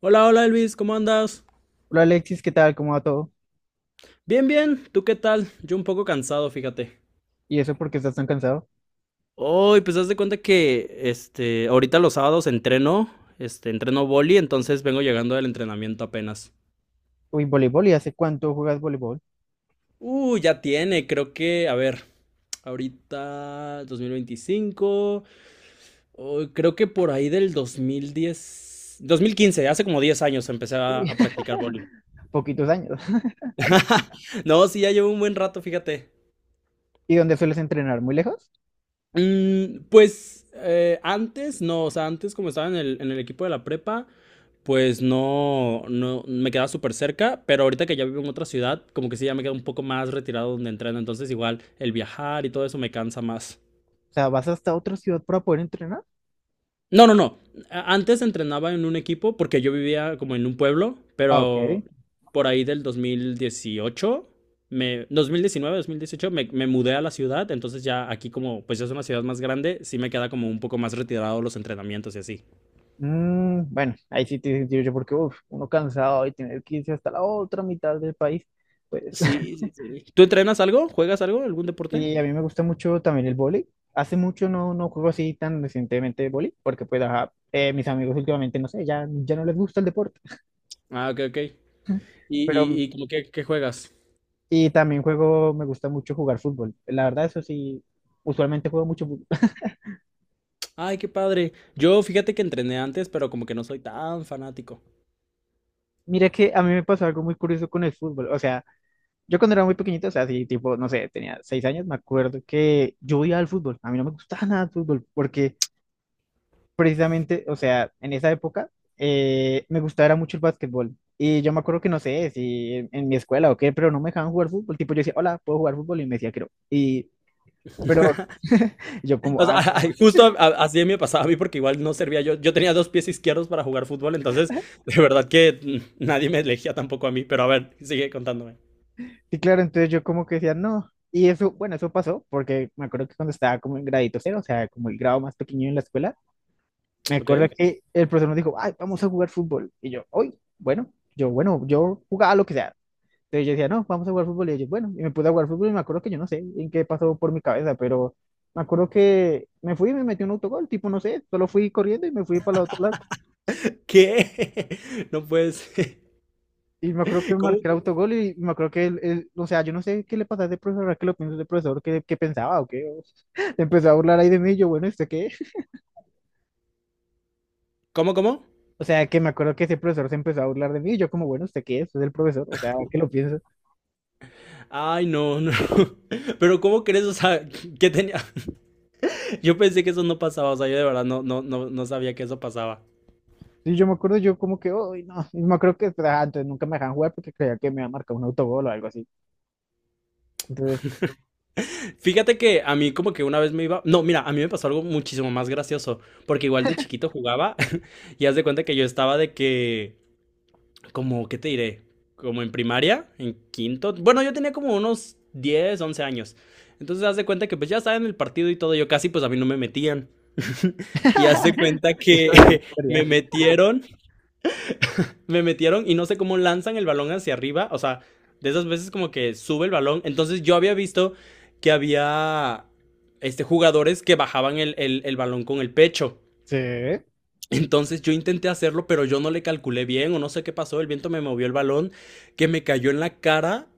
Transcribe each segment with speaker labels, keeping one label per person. Speaker 1: Hola, hola Elvis, ¿cómo andas?
Speaker 2: Hola Alexis, ¿qué tal? ¿Cómo va todo?
Speaker 1: Bien, bien, ¿tú qué tal? Yo un poco cansado, fíjate.
Speaker 2: ¿Y eso por qué estás tan cansado?
Speaker 1: Hoy, pues haz de cuenta que, ahorita los sábados entreno, boli, entonces vengo llegando del entrenamiento apenas.
Speaker 2: Uy, voleibol, ¿y hace cuánto juegas voleibol?
Speaker 1: Ya tiene, creo que, a ver, ahorita 2025. Oh, creo que por ahí del 2010, 2015, hace como 10 años, empecé a,
Speaker 2: Uy,
Speaker 1: a practicar boli.
Speaker 2: poquitos años.
Speaker 1: No, sí, ya llevo un buen rato, fíjate.
Speaker 2: ¿Y dónde sueles entrenar? ¿Muy lejos?
Speaker 1: Pues antes, no, o sea, antes como estaba en el equipo de la prepa, pues no, no me quedaba súper cerca, pero ahorita que ya vivo en otra ciudad, como que sí, ya me quedo un poco más retirado donde entreno, entonces igual el viajar y todo eso me cansa más.
Speaker 2: O sea, ¿vas hasta otra ciudad para poder entrenar?
Speaker 1: No, no, no. Antes entrenaba en un equipo porque yo vivía como en un pueblo,
Speaker 2: Ah, ok.
Speaker 1: pero por ahí del 2018, 2019, 2018, me mudé a la ciudad, entonces ya aquí como, pues ya es una ciudad más grande, sí me queda como un poco más retirado los entrenamientos y así.
Speaker 2: Mm, bueno, ahí sí te sentido yo porque, uf, uno cansado y tener que irse hasta la otra mitad del país, pues.
Speaker 1: Sí, sí, sí. ¿Tú entrenas algo? ¿Juegas algo? ¿Algún deporte?
Speaker 2: Y a mí me gusta mucho también el vóley. Hace mucho no juego así tan recientemente vóley, porque pues, ajá, mis amigos últimamente, no sé, ya no les gusta el deporte.
Speaker 1: Ah, ok, ok. ¿Y,
Speaker 2: Pero
Speaker 1: y como que, ¿qué juegas?
Speaker 2: Y también juego, me gusta mucho jugar fútbol. La verdad, eso sí, usualmente juego mucho fútbol.
Speaker 1: Ay, qué padre. Yo fíjate que entrené antes, pero como que no soy tan fanático.
Speaker 2: Mira que a mí me pasó algo muy curioso con el fútbol. O sea, yo cuando era muy pequeñito, o sea, sí, tipo, no sé, tenía 6 años, me acuerdo que yo iba al fútbol. A mí no me gustaba nada el fútbol porque precisamente, o sea, en esa época me gustaba era mucho el básquetbol. Y yo me acuerdo que no sé si en mi escuela o qué, pero no me dejaban jugar fútbol. Tipo, yo decía, hola, ¿puedo jugar fútbol? Y me decía, creo. Y, pero yo como,
Speaker 1: O sea,
Speaker 2: ah,
Speaker 1: justo así me pasaba a mí, porque igual no servía yo. Yo tenía dos pies izquierdos para jugar fútbol, entonces de verdad que nadie me elegía tampoco a mí. Pero a ver, sigue contándome.
Speaker 2: sí, claro, entonces yo como que decía, no. Y eso, bueno, eso pasó porque me acuerdo que cuando estaba como en gradito cero, o sea, como el grado más pequeño en la escuela, me
Speaker 1: ¿Ok?
Speaker 2: acuerdo que el profesor nos dijo, ay, vamos a jugar fútbol. Y yo, hoy, bueno, yo, bueno, yo jugaba lo que sea. Entonces yo decía, no, vamos a jugar fútbol. Y ellos, bueno, y me puse a jugar fútbol y me acuerdo que yo no sé en qué pasó por mi cabeza, pero me acuerdo que me fui y me metí un autogol, tipo, no sé, solo fui corriendo y me fui para el otro lado.
Speaker 1: ¿Qué? No puedes.
Speaker 2: Y me acuerdo que
Speaker 1: ¿Cómo?
Speaker 2: marqué el autogol y me acuerdo que, o sea, yo no sé qué le pasaba a ese profesor, ahora que lo pienso de profesor, qué pensaba o qué. O sea, se empezó a burlar ahí de mí, y yo, bueno, ¿este qué?
Speaker 1: ¿Cómo? ¿Cómo?
Speaker 2: O sea, que me acuerdo que ese profesor se empezó a burlar de mí, y yo como, bueno, ¿este qué es? Es el profesor, o sea, ¿qué lo piensa?
Speaker 1: Ay, no, no. Pero ¿cómo crees? O sea, ¿qué tenía? Yo pensé que eso no pasaba, o sea, yo de verdad no, no, no, no sabía que eso pasaba.
Speaker 2: Y yo me acuerdo, yo como que, uy, no, y me acuerdo que, ah, entonces nunca me dejaban jugar porque creía que me iba a marcar un autogol o algo así. Entonces,
Speaker 1: Fíjate que a mí como que una vez me iba. No, mira, a mí me pasó algo muchísimo más gracioso, porque igual de chiquito jugaba y haz de cuenta que yo estaba de que, como, ¿qué te diré? Como en primaria, en quinto. Bueno, yo tenía como unos 10 11 años. Entonces, haz de cuenta que pues ya estaba en el partido y todo, yo casi, pues, a mí no me metían. Y haz de cuenta que
Speaker 2: historia, mi historia.
Speaker 1: me metieron, me metieron y no sé cómo lanzan el balón hacia arriba, o sea, de esas veces como que sube el balón. Entonces, yo había visto que había jugadores que bajaban el balón con el pecho.
Speaker 2: Sí.
Speaker 1: Entonces yo intenté hacerlo, pero yo no le calculé bien o no sé qué pasó. El viento me movió el balón, que me cayó en la cara,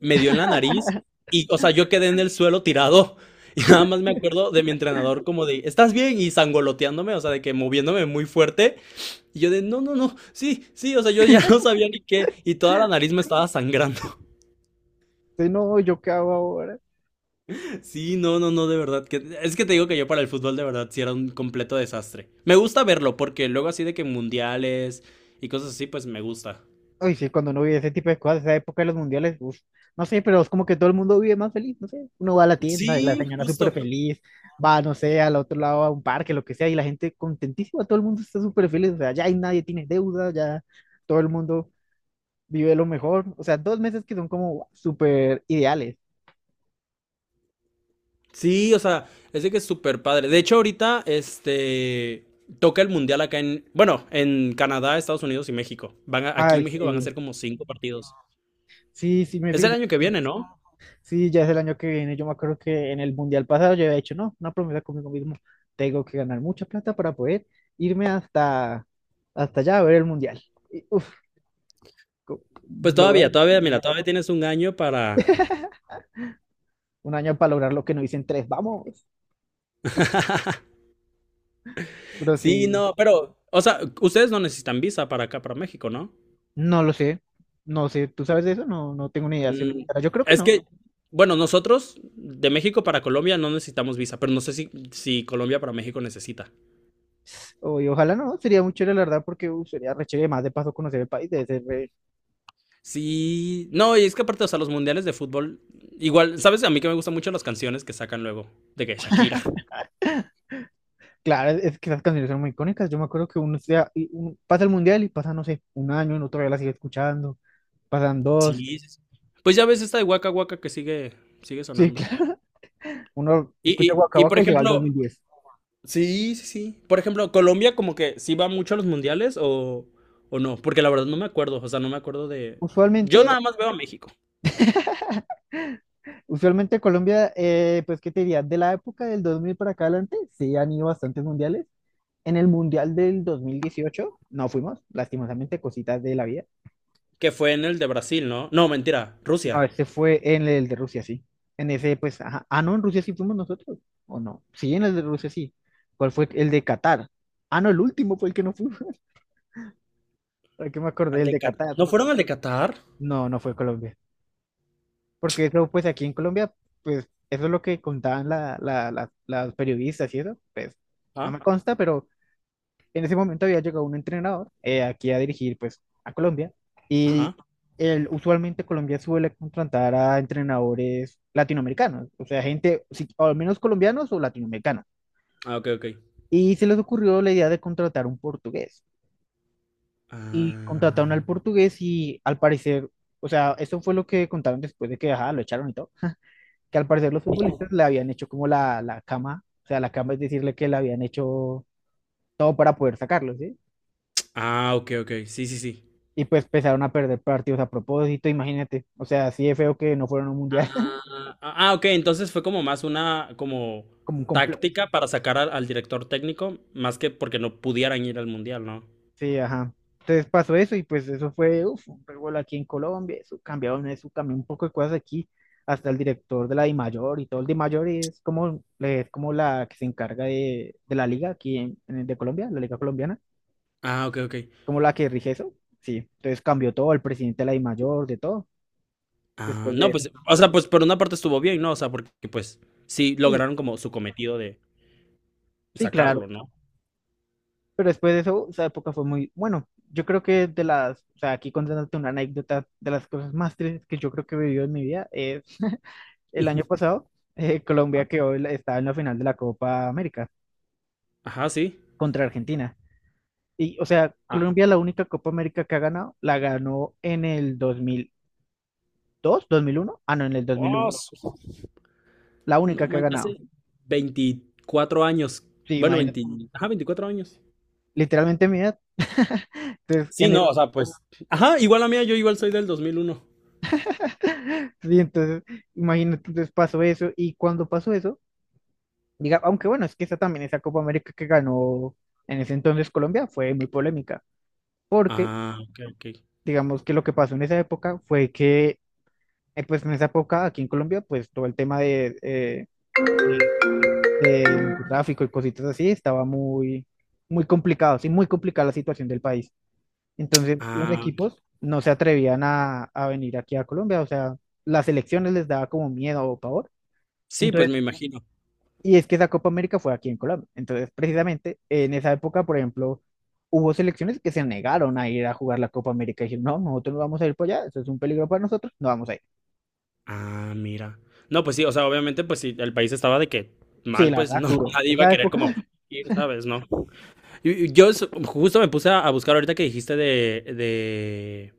Speaker 1: me dio en la nariz y, o sea, yo quedé en el suelo tirado. Y nada más me acuerdo de mi entrenador como de, ¿estás bien? Y zangoloteándome, o sea, de que moviéndome muy fuerte. Y yo de, no, no, no, sí, sí, o sea, yo ya no sabía ni qué. Y toda la nariz me estaba sangrando.
Speaker 2: Sí, no, ¿yo qué hago ahora?
Speaker 1: Sí, no, no, no, de verdad. Que, es que te digo que yo para el fútbol de verdad sí era un completo desastre. Me gusta verlo porque luego, así de que mundiales y cosas así, pues me gusta.
Speaker 2: Uy, sí, cuando uno vive ese tipo de cosas, esa época de los mundiales, uf, no sé, pero es como que todo el mundo vive más feliz, no sé. Uno va a la tienda y la
Speaker 1: Sí,
Speaker 2: señora súper
Speaker 1: justo.
Speaker 2: feliz, va, no sé, al otro lado a un parque, lo que sea, y la gente contentísima, todo el mundo está súper feliz, o sea, ya ahí nadie tiene deuda, ya todo el mundo vive lo mejor, o sea, dos meses que son como súper ideales.
Speaker 1: Sí, o sea, es de que es súper padre. De hecho, ahorita, toca el mundial acá en, bueno, en Canadá, Estados Unidos y México. Aquí
Speaker 2: Ay,
Speaker 1: en México van a
Speaker 2: sí,
Speaker 1: ser como 5 partidos.
Speaker 2: sí, sí, me
Speaker 1: Es el
Speaker 2: fijé.
Speaker 1: año que viene, ¿no?
Speaker 2: Sí, ya es el año que viene. Yo me acuerdo que en el mundial pasado yo había hecho, no, una promesa conmigo mismo. Tengo que ganar mucha plata para poder irme hasta, hasta allá a ver el mundial. Y, uf, co-
Speaker 1: Pues
Speaker 2: lo
Speaker 1: todavía,
Speaker 2: veo
Speaker 1: todavía, mira, todavía tienes un año para.
Speaker 2: un año para lograr lo que no hice en tres. Vamos. Pero
Speaker 1: Sí,
Speaker 2: sí,
Speaker 1: no, pero, o sea, ustedes no necesitan visa para acá, para México, ¿no?
Speaker 2: no lo sé. No sé, ¿tú sabes de eso? No, no tengo ni idea. Si no,
Speaker 1: Mm,
Speaker 2: yo creo que
Speaker 1: es
Speaker 2: no.
Speaker 1: que, bueno, nosotros de México para Colombia no necesitamos visa, pero no sé si, Colombia para México necesita.
Speaker 2: O, y ojalá no. Sería muy chévere, la verdad, porque uf, sería re chévere. Más de paso, conocer el país. Debe ser
Speaker 1: Sí, no, y es que aparte, o sea, los mundiales de fútbol, igual, ¿sabes? A mí que me gustan mucho las canciones que sacan luego, de que Shakira.
Speaker 2: claro, es que esas canciones son muy icónicas. Yo me acuerdo que uno sea, y uno pasa el mundial y pasa, no sé, un año, uno todavía la sigue escuchando. Pasan dos.
Speaker 1: Sí, sí, sí. Pues ya ves esta de Waka Waka, que sigue, sigue
Speaker 2: Sí,
Speaker 1: sonando.
Speaker 2: claro. Uno
Speaker 1: Y,
Speaker 2: escucha
Speaker 1: y,
Speaker 2: Waka
Speaker 1: y por
Speaker 2: Waka y llega al dos
Speaker 1: ejemplo,
Speaker 2: mil diez.
Speaker 1: sí, sí, sí. Por ejemplo, Colombia como que sí va mucho a los mundiales o no, porque la verdad no me acuerdo, o sea, no me acuerdo de. Yo
Speaker 2: Usualmente,
Speaker 1: nada más veo a México,
Speaker 2: usualmente Colombia, pues, ¿qué te diría? De la época del 2000 para acá adelante, sí han ido bastantes mundiales. En el mundial del 2018, no fuimos, lastimosamente, cositas de la vida.
Speaker 1: que fue en el de Brasil, ¿no? No, mentira,
Speaker 2: No,
Speaker 1: Rusia.
Speaker 2: ese fue en el de Rusia, sí. En ese, pues, ajá. Ah, no, en Rusia sí fuimos nosotros, ¿o no? Sí, en el de Rusia sí. ¿Cuál fue el de Qatar? Ah, no, el último fue el que no fuimos. ¿Para qué me acordé?
Speaker 1: Al
Speaker 2: El
Speaker 1: de
Speaker 2: de
Speaker 1: Qatar.
Speaker 2: Qatar.
Speaker 1: ¿No fueron al de Qatar?
Speaker 2: No, no fue Colombia. Porque eso, pues aquí en Colombia, pues eso es lo que contaban las periodistas y eso, pues no
Speaker 1: Ah,
Speaker 2: me consta, pero en ese momento había llegado un entrenador aquí a dirigir, pues, a Colombia.
Speaker 1: ajá.
Speaker 2: Y el usualmente Colombia suele contratar a entrenadores latinoamericanos, o sea, gente, sí, o al menos colombianos o latinoamericanos.
Speaker 1: Ah, ok, ok.
Speaker 2: Y se les ocurrió la idea de contratar un portugués. Y contrataron al
Speaker 1: Ah.
Speaker 2: portugués y al parecer, o sea, eso fue lo que contaron después de que, ajá, lo echaron y todo que al parecer los futbolistas le habían hecho como la cama, o sea, la cama es decirle que le habían hecho todo para poder sacarlo, ¿sí?
Speaker 1: Ah, ok, ok. Sí, sí, sí.
Speaker 2: Y pues empezaron a perder partidos a propósito, imagínate, o sea, así de feo que no fueron a un mundial,
Speaker 1: Ah, ah, ok. Entonces fue como más una como
Speaker 2: como un complot.
Speaker 1: táctica para sacar al director técnico, más que porque no pudieran ir al mundial, ¿no?
Speaker 2: Sí, ajá. Entonces pasó eso y pues eso fue, uf, un revuelo aquí en Colombia, eso cambiaron eso, cambió un poco de cosas aquí, hasta el director de la DIMAYOR y todo. El DIMAYOR es como la que se encarga de, la liga aquí en, de Colombia, la liga colombiana
Speaker 1: Ah, ok, ok.
Speaker 2: como la que rige eso. Sí, entonces cambió todo, el presidente de la DIMAYOR, de todo,
Speaker 1: Ah,
Speaker 2: después de
Speaker 1: no,
Speaker 2: eso.
Speaker 1: pues, o sea, pues por una parte estuvo bien, ¿no? O sea, porque pues sí
Speaker 2: Sí,
Speaker 1: lograron como su cometido de
Speaker 2: sí, claro,
Speaker 1: sacarlo, ¿no?
Speaker 2: pero después de eso, esa época fue muy, bueno, yo creo que de las, o sea, aquí contándote una anécdota de las cosas más tristes que yo creo que he vivido en mi vida, es el año pasado, Colombia quedó, en estaba en la final de la Copa América
Speaker 1: Ajá, sí.
Speaker 2: contra Argentina. Y, o sea,
Speaker 1: Ah,
Speaker 2: Colombia la única Copa América que ha ganado, la ganó en el 2002, 2001, ah, no, en el
Speaker 1: oh,
Speaker 2: 2001, la
Speaker 1: no
Speaker 2: única que ha
Speaker 1: manches,
Speaker 2: ganado.
Speaker 1: hace 24 años.
Speaker 2: Sí,
Speaker 1: Bueno,
Speaker 2: imagínate.
Speaker 1: 20, ajá, 24 años.
Speaker 2: Literalmente mi edad. Entonces,
Speaker 1: Sí,
Speaker 2: en el-
Speaker 1: no, o sea, pues. Ajá, igual a mí, yo igual soy del 2001.
Speaker 2: sí, entonces, imagínate, entonces pasó eso y cuando pasó eso, diga, aunque bueno, es que esa también, esa Copa América que ganó en ese entonces Colombia fue muy polémica, porque
Speaker 1: Ah, ok, ok.
Speaker 2: digamos que lo que pasó en esa época fue que, pues en esa época aquí en Colombia, pues todo el tema de, del tráfico y cositas así estaba muy, muy complicado, sí, muy complicada la situación del país. Entonces los
Speaker 1: Ah, ok.
Speaker 2: equipos no se atrevían a venir aquí a Colombia, o sea, las elecciones les daba como miedo o pavor.
Speaker 1: Sí, pues
Speaker 2: Entonces,
Speaker 1: me imagino.
Speaker 2: y es que esa Copa América fue aquí en Colombia. Entonces, precisamente en esa época, por ejemplo, hubo selecciones que se negaron a ir a jugar la Copa América y dijeron, no, nosotros no vamos a ir por allá, eso es un peligro para nosotros, no vamos a ir.
Speaker 1: Ah, mira. No, pues sí, o sea, obviamente, pues si el país estaba de que
Speaker 2: Sí,
Speaker 1: mal,
Speaker 2: la
Speaker 1: pues
Speaker 2: verdad,
Speaker 1: no,
Speaker 2: duro.
Speaker 1: nadie iba a
Speaker 2: Esa
Speaker 1: querer
Speaker 2: época
Speaker 1: como ir, ¿sabes? No. Y yo justo me puse a buscar ahorita que dijiste de, de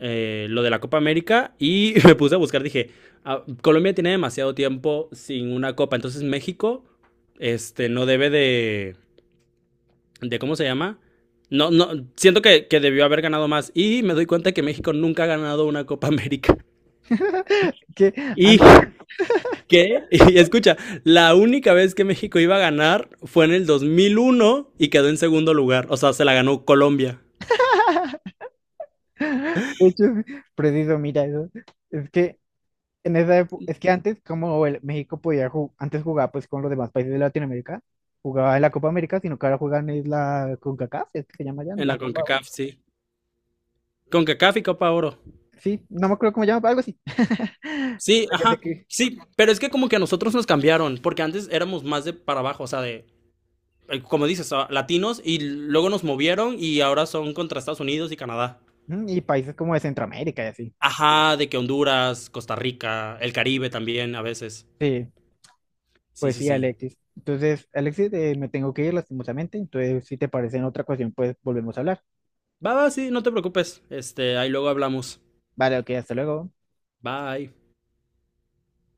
Speaker 1: eh, lo de la Copa América, y me puse a buscar, dije, "Ah, Colombia tiene demasiado tiempo sin una copa, entonces México, no debe de, ¿cómo se llama? No, no, siento que debió haber ganado más", y me doy cuenta que México nunca ha ganado una Copa América.
Speaker 2: que
Speaker 1: Y
Speaker 2: antes,
Speaker 1: que, y escucha, la única vez que México iba a ganar fue en el 2001 y quedó en segundo lugar. O sea, se la ganó Colombia
Speaker 2: de hecho, preciso, mira eso. Es que en esa época, es que antes, como el México podía antes jugaba pues con los demás países de Latinoamérica, jugaba en la Copa América, sino que ahora juegan en la CONCACAF, es que se llama ya,
Speaker 1: en
Speaker 2: la
Speaker 1: la
Speaker 2: Copa Oro.
Speaker 1: CONCACAF, sí. CONCACAF y Copa Oro.
Speaker 2: Sí, no me acuerdo cómo se llama, pero algo así.
Speaker 1: Sí,
Speaker 2: Pero yo sé
Speaker 1: ajá.
Speaker 2: que...
Speaker 1: Sí, pero es que como que a nosotros nos cambiaron, porque antes éramos más de para abajo, o sea, de, como dices, latinos, y luego nos movieron y ahora son contra Estados Unidos y Canadá.
Speaker 2: Mm, y países como de Centroamérica y así.
Speaker 1: Ajá, de que Honduras, Costa Rica, el Caribe también a veces.
Speaker 2: Sí,
Speaker 1: Sí,
Speaker 2: pues
Speaker 1: sí,
Speaker 2: sí,
Speaker 1: sí.
Speaker 2: Alexis. Entonces, Alexis, me tengo que ir lastimosamente, entonces si te parece en otra ocasión, pues volvemos a hablar.
Speaker 1: Va, va, sí, no te preocupes. Ahí luego hablamos.
Speaker 2: Vale, ok, hasta luego.
Speaker 1: Bye.